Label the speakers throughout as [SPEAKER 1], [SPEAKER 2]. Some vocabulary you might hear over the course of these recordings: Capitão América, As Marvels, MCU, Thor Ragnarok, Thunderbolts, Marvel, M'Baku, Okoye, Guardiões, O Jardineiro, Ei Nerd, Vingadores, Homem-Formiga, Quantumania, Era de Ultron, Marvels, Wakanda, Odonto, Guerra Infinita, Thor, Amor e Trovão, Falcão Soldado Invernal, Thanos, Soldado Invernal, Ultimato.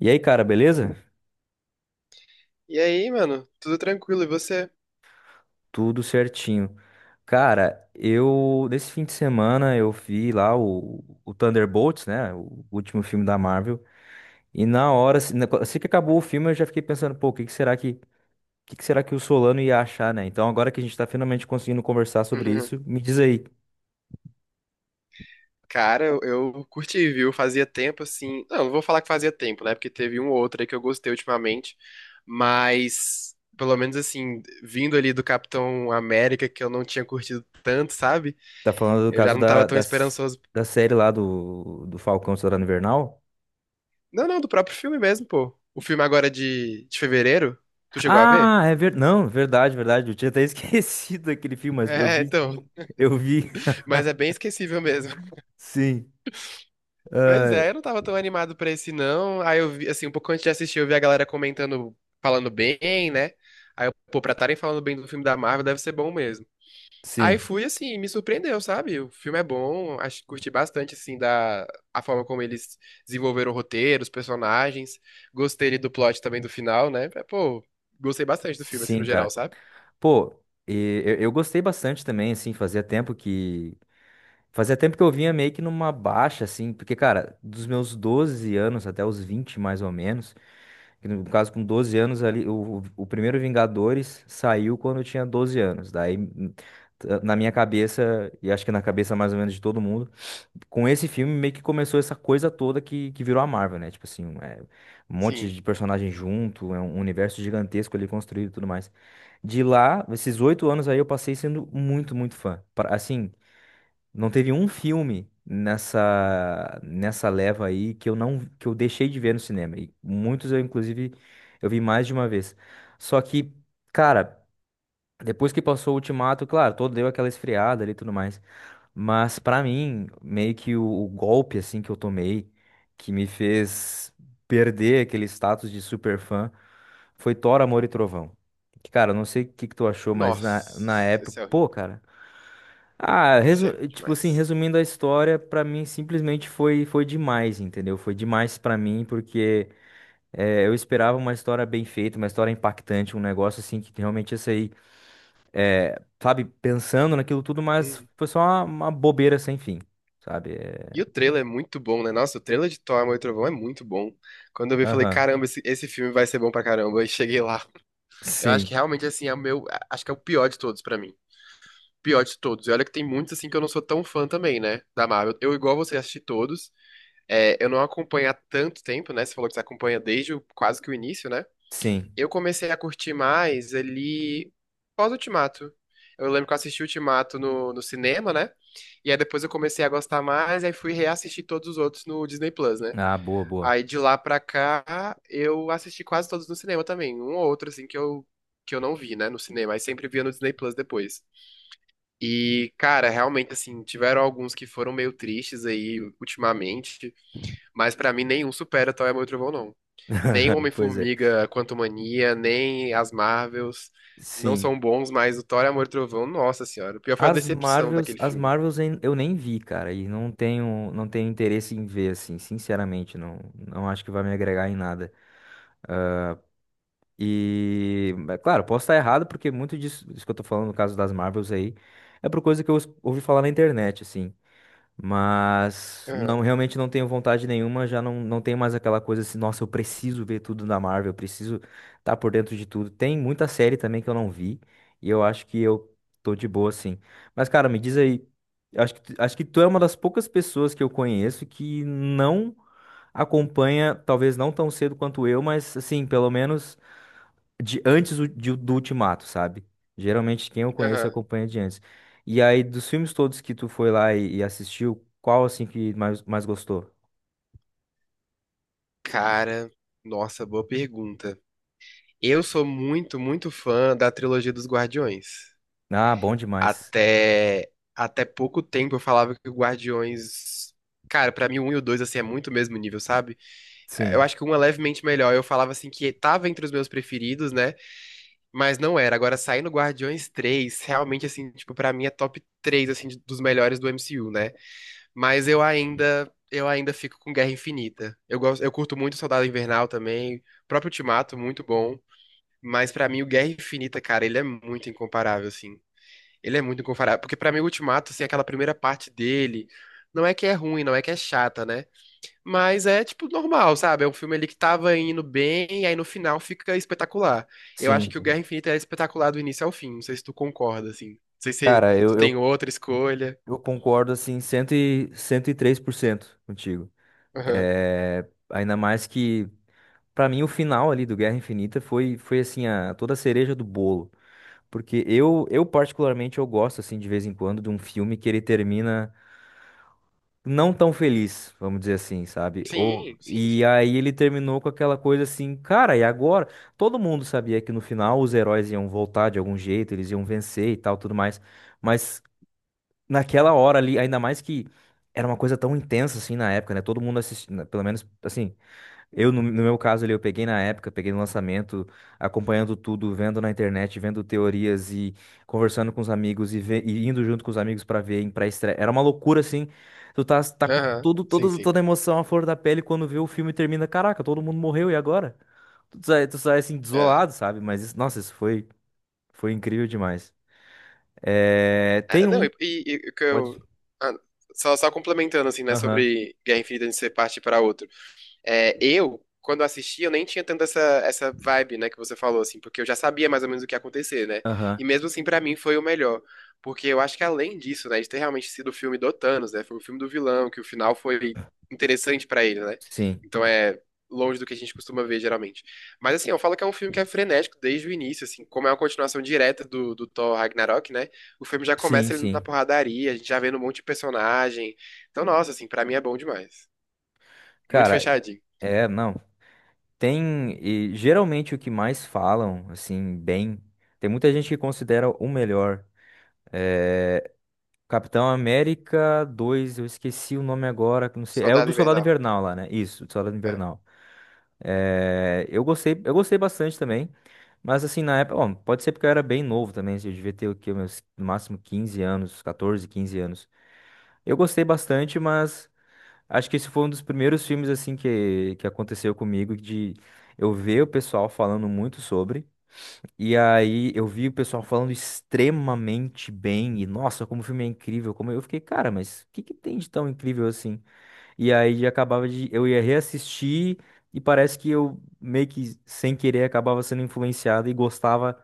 [SPEAKER 1] E aí, cara, beleza?
[SPEAKER 2] E aí, mano? Tudo tranquilo, e você?
[SPEAKER 1] Tudo certinho. Cara, eu nesse fim de semana eu vi lá o Thunderbolts, né? O último filme da Marvel. E na hora, assim que acabou o filme, eu já fiquei pensando, pô, o que que será que o Solano ia achar, né? Então agora que a gente tá finalmente conseguindo conversar sobre isso, me diz aí.
[SPEAKER 2] Cara, eu curti, viu? Fazia tempo assim. Não vou falar que fazia tempo, né? Porque teve um ou outro aí que eu gostei ultimamente. Mas, pelo menos assim, vindo ali do Capitão América, que eu não tinha curtido tanto, sabe?
[SPEAKER 1] Tá falando do
[SPEAKER 2] Eu já
[SPEAKER 1] caso
[SPEAKER 2] não tava
[SPEAKER 1] da,
[SPEAKER 2] tão
[SPEAKER 1] da, s-
[SPEAKER 2] esperançoso.
[SPEAKER 1] da série lá do Falcão Soldado Invernal?
[SPEAKER 2] Não, não, do próprio filme mesmo, pô. O filme agora de fevereiro. Tu chegou a ver?
[SPEAKER 1] Ah, é verdade. Não, verdade, verdade. Eu tinha até esquecido aquele filme, mas eu
[SPEAKER 2] É,
[SPEAKER 1] vi sim.
[SPEAKER 2] então.
[SPEAKER 1] Eu vi.
[SPEAKER 2] Mas é bem esquecível mesmo.
[SPEAKER 1] Sim.
[SPEAKER 2] Pois
[SPEAKER 1] Ah,
[SPEAKER 2] é, eu não tava tão animado pra esse não. Aí eu vi, assim, um pouco antes de assistir, eu vi a galera comentando, falando bem, né? Aí eu, pô, pra estarem falando bem do filme da Marvel deve ser bom mesmo. Aí
[SPEAKER 1] sim,
[SPEAKER 2] fui, assim, me surpreendeu, sabe? O filme é bom, acho, curti bastante, assim, da a forma como eles desenvolveram o roteiro, os personagens. Gostei ali do plot também do final, né? É, pô, gostei bastante do filme, assim,
[SPEAKER 1] sim,
[SPEAKER 2] no geral,
[SPEAKER 1] cara.
[SPEAKER 2] sabe?
[SPEAKER 1] Pô, e eu gostei bastante também, assim, fazia tempo que eu vinha meio que numa baixa, assim, porque, cara, dos meus 12 anos até os 20 mais ou menos, que no caso, com 12 anos ali, o primeiro Vingadores saiu quando eu tinha 12 anos. Daí, na minha cabeça, e acho que na cabeça mais ou menos de todo mundo, com esse filme meio que começou essa coisa toda que virou a Marvel, né? Tipo assim, um monte
[SPEAKER 2] Sim.
[SPEAKER 1] de personagem junto, é um universo gigantesco ali construído e tudo mais. De lá, esses 8 anos aí eu passei sendo muito, muito fã. Assim, não teve um filme nessa leva aí que eu não que eu deixei de ver no cinema. E muitos eu inclusive eu vi mais de uma vez. Só que, cara, depois que passou o Ultimato, claro, todo deu aquela esfriada ali e tudo mais. Mas pra mim, meio que o golpe assim que eu tomei, que me fez perder aquele status de superfã, foi Thor, Amor e Trovão. Que, cara, eu não sei o que que tu achou, mas na
[SPEAKER 2] Nossa, esse
[SPEAKER 1] época,
[SPEAKER 2] é horrível.
[SPEAKER 1] pô, cara. Ah,
[SPEAKER 2] Esse é ruim
[SPEAKER 1] tipo assim,
[SPEAKER 2] demais.
[SPEAKER 1] resumindo a história, pra mim simplesmente foi demais, entendeu? Foi demais pra mim porque eu esperava uma história bem feita, uma história impactante, um negócio assim que realmente ia sair é, sabe, pensando naquilo tudo, mas
[SPEAKER 2] Hum.
[SPEAKER 1] foi só uma bobeira sem fim, sabe?
[SPEAKER 2] E
[SPEAKER 1] É,
[SPEAKER 2] o trailer é muito bom, né? Nossa, o trailer de Thor, Amor e Trovão é muito bom. Quando eu vi, eu falei,
[SPEAKER 1] aham.
[SPEAKER 2] caramba, esse filme vai ser bom pra caramba. E cheguei lá. Eu acho que
[SPEAKER 1] Sim,
[SPEAKER 2] realmente, assim, é o meu... Acho que é o pior de todos pra mim. Pior de todos. E olha que tem muitos, assim, que eu não sou tão fã também, né? Da Marvel. Eu, igual você, assisti todos. É, eu não acompanho há tanto tempo, né? Você falou que você acompanha desde o- quase que o início, né?
[SPEAKER 1] sim.
[SPEAKER 2] Eu comecei a curtir mais ali pós-Ultimato. Eu lembro que eu assisti Ultimato no cinema, né? E aí depois eu comecei a gostar mais, aí fui reassistir todos os outros no Disney Plus, né?
[SPEAKER 1] Ah, boa, boa.
[SPEAKER 2] Aí de lá pra cá, eu assisti quase todos no cinema também. Um ou outro, assim, que eu não vi, né, no cinema. Aí sempre via no Disney Plus depois. E, cara, realmente, assim, tiveram alguns que foram meio tristes aí ultimamente. Mas pra mim nenhum supera Toy Amor e Trovão, não. Nem o
[SPEAKER 1] Pois é.
[SPEAKER 2] Homem-Formiga, Quantumania, nem as Marvels não
[SPEAKER 1] Sim.
[SPEAKER 2] são bons, mas o Thor, Amor e Trovão, nossa senhora. O pior foi a
[SPEAKER 1] As
[SPEAKER 2] decepção
[SPEAKER 1] Marvels,
[SPEAKER 2] daquele
[SPEAKER 1] as
[SPEAKER 2] filme.
[SPEAKER 1] Marvels em- eu nem vi, cara, e não tenho interesse em ver, assim, sinceramente, não, não acho que vai me agregar em nada. E, é claro, posso estar errado, porque muito disso que eu tô falando no caso das Marvels aí, é por coisa que eu ouvi falar na internet, assim. Mas
[SPEAKER 2] Aham,
[SPEAKER 1] não, realmente não tenho vontade nenhuma, já não, não tenho mais aquela coisa assim, nossa, eu preciso ver tudo da Marvel, eu preciso estar por dentro de tudo. Tem muita série também que eu não vi, e eu acho que eu tô de boa assim. Mas cara, me diz aí, acho que, acho que tu é uma das poucas pessoas que eu conheço que não acompanha, talvez não tão cedo quanto eu, mas assim, pelo menos de antes do Ultimato, sabe? Geralmente quem eu conheço
[SPEAKER 2] aham.
[SPEAKER 1] acompanha de antes. E aí, dos filmes todos que tu foi lá e assistiu, qual assim que mais gostou?
[SPEAKER 2] Cara, nossa, boa pergunta. Eu sou muito fã da trilogia dos Guardiões.
[SPEAKER 1] Ah, bom demais.
[SPEAKER 2] Até pouco tempo eu falava que o Guardiões. Cara, pra mim o 1 e o 2 assim é muito o mesmo nível, sabe? Eu
[SPEAKER 1] Sim,
[SPEAKER 2] acho que um é levemente melhor. Eu falava assim que tava entre os meus preferidos, né? Mas não era. Agora, saindo Guardiões 3 realmente, assim, tipo, pra mim é top 3 assim, de- dos melhores do MCU, né? Mas eu ainda fico com Guerra Infinita. Eu gosto, eu curto muito Soldado Invernal também, o próprio Ultimato, muito bom. Mas pra mim, o Guerra Infinita, cara, ele é muito incomparável, assim. Ele é muito incomparável. Porque pra mim, o Ultimato, assim, aquela primeira parte dele, não é que é ruim, não é que é chata, né? Mas é, tipo, normal, sabe? É um filme ali que tava indo bem, e aí no final fica espetacular. Eu acho que o
[SPEAKER 1] sim.
[SPEAKER 2] Guerra Infinita é espetacular do início ao fim. Não sei se tu concorda, assim. Não sei se
[SPEAKER 1] Cara,
[SPEAKER 2] tu
[SPEAKER 1] eu, eu,
[SPEAKER 2] tem outra escolha.
[SPEAKER 1] eu concordo assim 103% contigo.
[SPEAKER 2] Aham.
[SPEAKER 1] É, ainda mais que, pra mim, o final ali do Guerra Infinita foi assim, toda a cereja do bolo. Porque eu particularmente, eu gosto, assim, de vez em quando, de um filme que ele termina. Não tão feliz, vamos dizer assim, sabe? Ou,
[SPEAKER 2] Sim, sim,
[SPEAKER 1] e
[SPEAKER 2] sim.
[SPEAKER 1] aí ele terminou com aquela coisa assim, cara, e agora? Todo mundo sabia que no final os heróis iam voltar de algum jeito, eles iam vencer e tal, tudo mais. Mas naquela hora ali, ainda mais que era uma coisa tão intensa assim na época, né? Todo mundo assistindo, pelo menos assim, eu, no meu caso ali, eu peguei na época, peguei no lançamento, acompanhando tudo, vendo na internet, vendo teorias e conversando com os amigos e indo junto com os amigos pra ver em pré-estreia. Era uma loucura, assim. Tu tá, tá com
[SPEAKER 2] Aham,
[SPEAKER 1] todo,
[SPEAKER 2] sim,
[SPEAKER 1] todo,
[SPEAKER 2] sim.
[SPEAKER 1] toda a emoção à flor da pele quando vê o filme e termina. Caraca, todo mundo morreu, e agora? Tu sai assim,
[SPEAKER 2] É.
[SPEAKER 1] desolado, sabe? Mas, isso- nossa, isso foi, foi incrível demais. É, tem
[SPEAKER 2] É, não,
[SPEAKER 1] um.
[SPEAKER 2] e o que
[SPEAKER 1] Pode.
[SPEAKER 2] eu. Ah, só complementando, assim, né,
[SPEAKER 1] Aham,
[SPEAKER 2] sobre Guerra Infinita de ser parte para outro. É, eu, quando assisti, eu nem tinha tanto essa vibe, né, que você falou, assim, porque eu já sabia mais ou menos o que ia acontecer, né?
[SPEAKER 1] aham.
[SPEAKER 2] E mesmo assim, pra mim, foi o melhor. Porque eu acho que além disso, né, de ter realmente sido o filme do Thanos, né? Foi o filme do vilão, que o final foi interessante pra ele, né?
[SPEAKER 1] Sim,
[SPEAKER 2] Então é longe do que a gente costuma ver, geralmente. Mas assim, eu falo que é um filme que é frenético desde o início, assim, como é uma continuação direta do Thor Ragnarok, né? O filme já
[SPEAKER 1] sim,
[SPEAKER 2] começa ele na
[SPEAKER 1] sim.
[SPEAKER 2] porradaria, a gente já vendo um monte de personagem. Então, nossa, assim, pra mim é bom demais. Muito
[SPEAKER 1] Cara,
[SPEAKER 2] fechadinho.
[SPEAKER 1] é, não. Tem, e geralmente o que mais falam, assim, bem, tem muita gente que considera o melhor. É, Capitão América 2 eu esqueci o nome agora, que não sei, é o
[SPEAKER 2] Soldado
[SPEAKER 1] do Soldado
[SPEAKER 2] Invernal.
[SPEAKER 1] Invernal lá, né? Isso, do Soldado
[SPEAKER 2] É.
[SPEAKER 1] Invernal. É, eu gostei bastante também, mas assim, na época, bom, pode ser porque eu era bem novo também, assim, eu devia ter o quê, meus, no máximo 15 anos, 14, 15 anos. Eu gostei bastante, mas acho que esse foi um dos primeiros filmes, assim, que aconteceu comigo de eu ver o pessoal falando muito sobre. E aí eu vi o pessoal falando extremamente bem, e nossa, como o filme é incrível, como eu fiquei, cara, mas o que que tem de tão incrível assim? E aí acabava de, eu ia reassistir e parece que eu meio que sem querer acabava sendo influenciado e gostava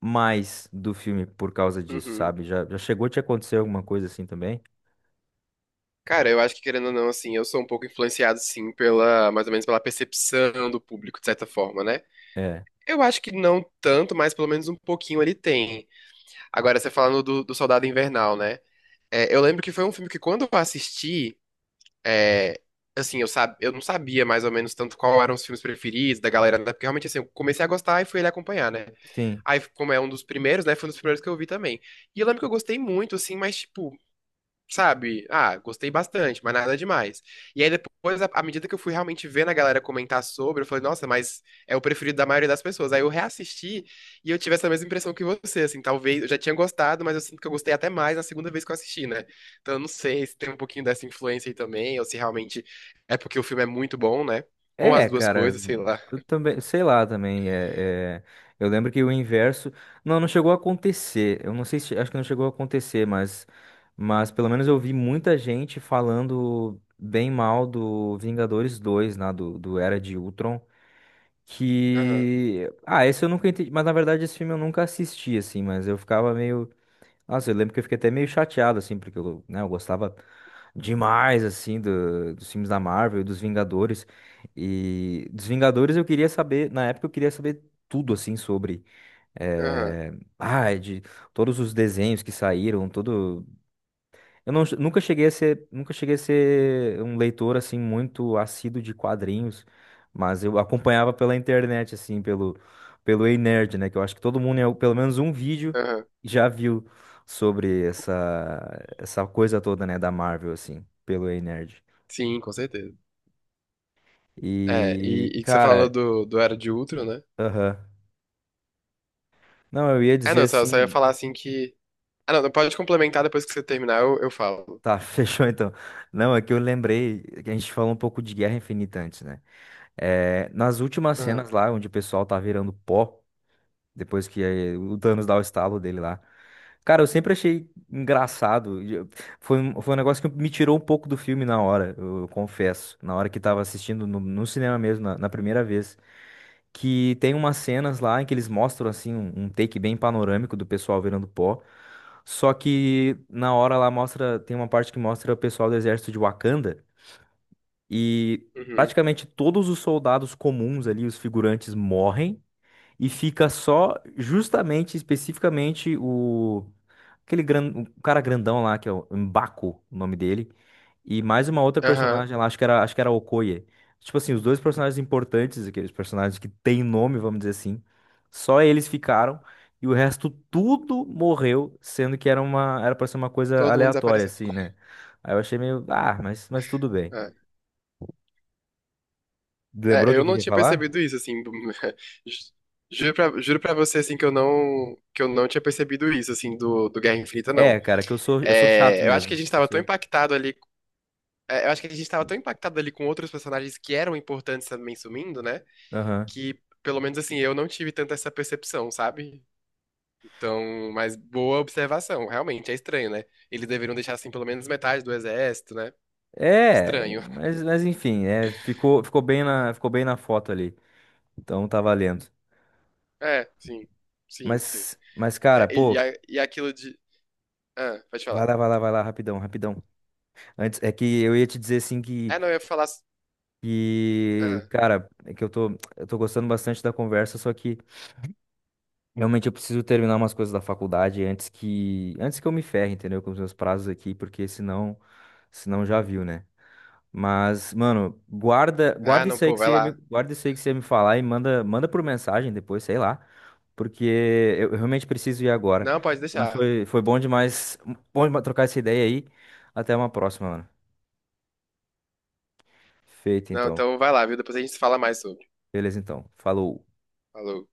[SPEAKER 1] mais do filme por causa disso,
[SPEAKER 2] Uhum.
[SPEAKER 1] sabe? Já chegou a te acontecer alguma coisa assim também?
[SPEAKER 2] Cara, eu acho que querendo ou não, assim, eu sou um pouco influenciado, sim, pela, mais ou menos pela percepção do público, de certa forma, né?
[SPEAKER 1] É,
[SPEAKER 2] Eu acho que não tanto, mas pelo menos um pouquinho ele tem. Agora, você falando do Soldado Invernal, né? É, eu lembro que foi um filme que quando eu assisti, é, assim, eu, sab, eu não sabia mais ou menos tanto qual eram os filmes preferidos da galera, né? Porque realmente, assim, eu comecei a gostar e fui ele acompanhar, né?
[SPEAKER 1] sim.
[SPEAKER 2] Aí, como é um dos primeiros, né? Foi um dos primeiros que eu vi também. E eu lembro que eu gostei muito, assim, mas, tipo, sabe? Ah, gostei bastante, mas nada demais. E aí depois, à medida que eu fui realmente vendo a galera comentar sobre, eu falei, nossa, mas é o preferido da maioria das pessoas. Aí eu reassisti e eu tive essa mesma impressão que você, assim, talvez eu já tinha gostado, mas eu sinto que eu gostei até mais na segunda vez que eu assisti, né? Então eu não sei se tem um pouquinho dessa influência aí também, ou se realmente é porque o filme é muito bom, né? Ou as
[SPEAKER 1] É,
[SPEAKER 2] duas
[SPEAKER 1] cara,
[SPEAKER 2] coisas, sei lá.
[SPEAKER 1] eu também, sei lá também, eu lembro que o inverso, não, não chegou a acontecer, eu não sei se, acho que não chegou a acontecer, mas, pelo menos eu vi muita gente falando bem mal do Vingadores 2, né, do Era de Ultron,
[SPEAKER 2] Aham,
[SPEAKER 1] que, ah, esse eu nunca entendi, mas na verdade esse filme eu nunca assisti, assim, mas eu ficava meio, nossa, eu lembro que eu fiquei até meio chateado, assim, porque eu, né, eu gostava demais, assim, dos filmes da Marvel, e dos Vingadores. E dos Vingadores eu queria saber, na época eu queria saber tudo, assim, sobre.
[SPEAKER 2] aham,
[SPEAKER 1] eh, Ah, de todos os desenhos que saíram, todo. Eu nunca cheguei a ser, um leitor assim muito assíduo de quadrinhos, mas eu acompanhava pela internet assim, pelo Ei Nerd, né, que eu acho que todo mundo pelo menos um vídeo
[SPEAKER 2] aham.
[SPEAKER 1] já viu sobre essa coisa toda, né, da Marvel assim, pelo Ei Nerd.
[SPEAKER 2] Sim, com certeza. É,
[SPEAKER 1] E
[SPEAKER 2] e que você falou
[SPEAKER 1] cara,
[SPEAKER 2] do Era de Ultron, né?
[SPEAKER 1] aham. Não, eu ia
[SPEAKER 2] Ah,
[SPEAKER 1] dizer
[SPEAKER 2] não, só ia
[SPEAKER 1] assim,
[SPEAKER 2] falar assim que. Ah, não, pode complementar depois que você terminar, eu falo.
[SPEAKER 1] tá, fechou então. Não, é que eu lembrei que a gente falou um pouco de Guerra Infinita antes, né? É, nas últimas
[SPEAKER 2] Aham.
[SPEAKER 1] cenas lá, onde o pessoal tá virando pó, depois que o Thanos dá o estalo dele lá. Cara, eu sempre achei engraçado. Foi um negócio que me tirou um pouco do filme na hora, eu confesso. Na hora que tava assistindo no cinema mesmo, na primeira vez. Que tem umas cenas lá em que eles mostram, assim, um take bem panorâmico do pessoal virando pó. Só que na hora lá mostra, tem uma parte que mostra o pessoal do exército de Wakanda. E
[SPEAKER 2] Uhum.
[SPEAKER 1] praticamente todos os soldados comuns ali, os figurantes, morrem e fica só justamente, especificamente, aquele gran... o cara grandão lá, que é o M'Baku, o nome dele, e mais uma outra
[SPEAKER 2] Aham.
[SPEAKER 1] personagem lá, acho que era a Okoye. Tipo assim, os dois personagens importantes, aqueles personagens que têm nome, vamos dizer assim, só eles ficaram e o resto tudo morreu, sendo que era para ser uma coisa
[SPEAKER 2] Todo mundo
[SPEAKER 1] aleatória
[SPEAKER 2] desapareceu.
[SPEAKER 1] assim, né? Aí eu achei meio, ah, mas tudo bem.
[SPEAKER 2] É.
[SPEAKER 1] Lembrou
[SPEAKER 2] É,
[SPEAKER 1] o
[SPEAKER 2] eu
[SPEAKER 1] que que eu
[SPEAKER 2] não
[SPEAKER 1] ia
[SPEAKER 2] tinha
[SPEAKER 1] falar?
[SPEAKER 2] percebido isso, assim. ju- juro pra você, assim, que eu não tinha percebido isso, assim, do Guerra Infinita, não.
[SPEAKER 1] É, cara, que eu sou chato
[SPEAKER 2] É, eu acho que a
[SPEAKER 1] mesmo.
[SPEAKER 2] gente
[SPEAKER 1] Eu
[SPEAKER 2] tava tão
[SPEAKER 1] sou...
[SPEAKER 2] impactado ali. É, eu acho que a gente tava tão impactado ali com outros personagens que eram importantes também sumindo, né?
[SPEAKER 1] Aham.
[SPEAKER 2] Que, pelo menos, assim, eu não tive tanto essa percepção, sabe? Então, mas boa observação. Realmente, é estranho, né? Eles deveriam deixar, assim, pelo menos metade do exército, né?
[SPEAKER 1] É,
[SPEAKER 2] Estranho.
[SPEAKER 1] mas enfim, ficou bem na foto ali. Então tá valendo.
[SPEAKER 2] É, sim. Sim, sim.
[SPEAKER 1] Mas
[SPEAKER 2] É,
[SPEAKER 1] cara,
[SPEAKER 2] e-
[SPEAKER 1] pô,
[SPEAKER 2] a- e aquilo de... Ah, pode falar.
[SPEAKER 1] vai lá, vai lá, vai lá, rapidão, rapidão. Antes, é que eu ia te dizer assim que,
[SPEAKER 2] Ah, não, eu ia falar...
[SPEAKER 1] que,
[SPEAKER 2] Ah,
[SPEAKER 1] cara, é que eu tô gostando bastante da conversa, só que realmente eu preciso terminar umas coisas da faculdade antes que eu me ferre, entendeu? Com os meus prazos aqui, porque senão já viu, né? Mas, mano,
[SPEAKER 2] ah, não, pô, vai lá.
[SPEAKER 1] guarda isso aí que você ia me falar e manda por mensagem depois, sei lá, porque eu realmente preciso ir agora.
[SPEAKER 2] Não, pode
[SPEAKER 1] Mas
[SPEAKER 2] deixar.
[SPEAKER 1] foi bom demais trocar essa ideia aí. Até uma próxima, mano. Feito,
[SPEAKER 2] Não,
[SPEAKER 1] então.
[SPEAKER 2] então vai lá, viu? Depois a gente se fala mais sobre.
[SPEAKER 1] Beleza, então. Falou.
[SPEAKER 2] Falou.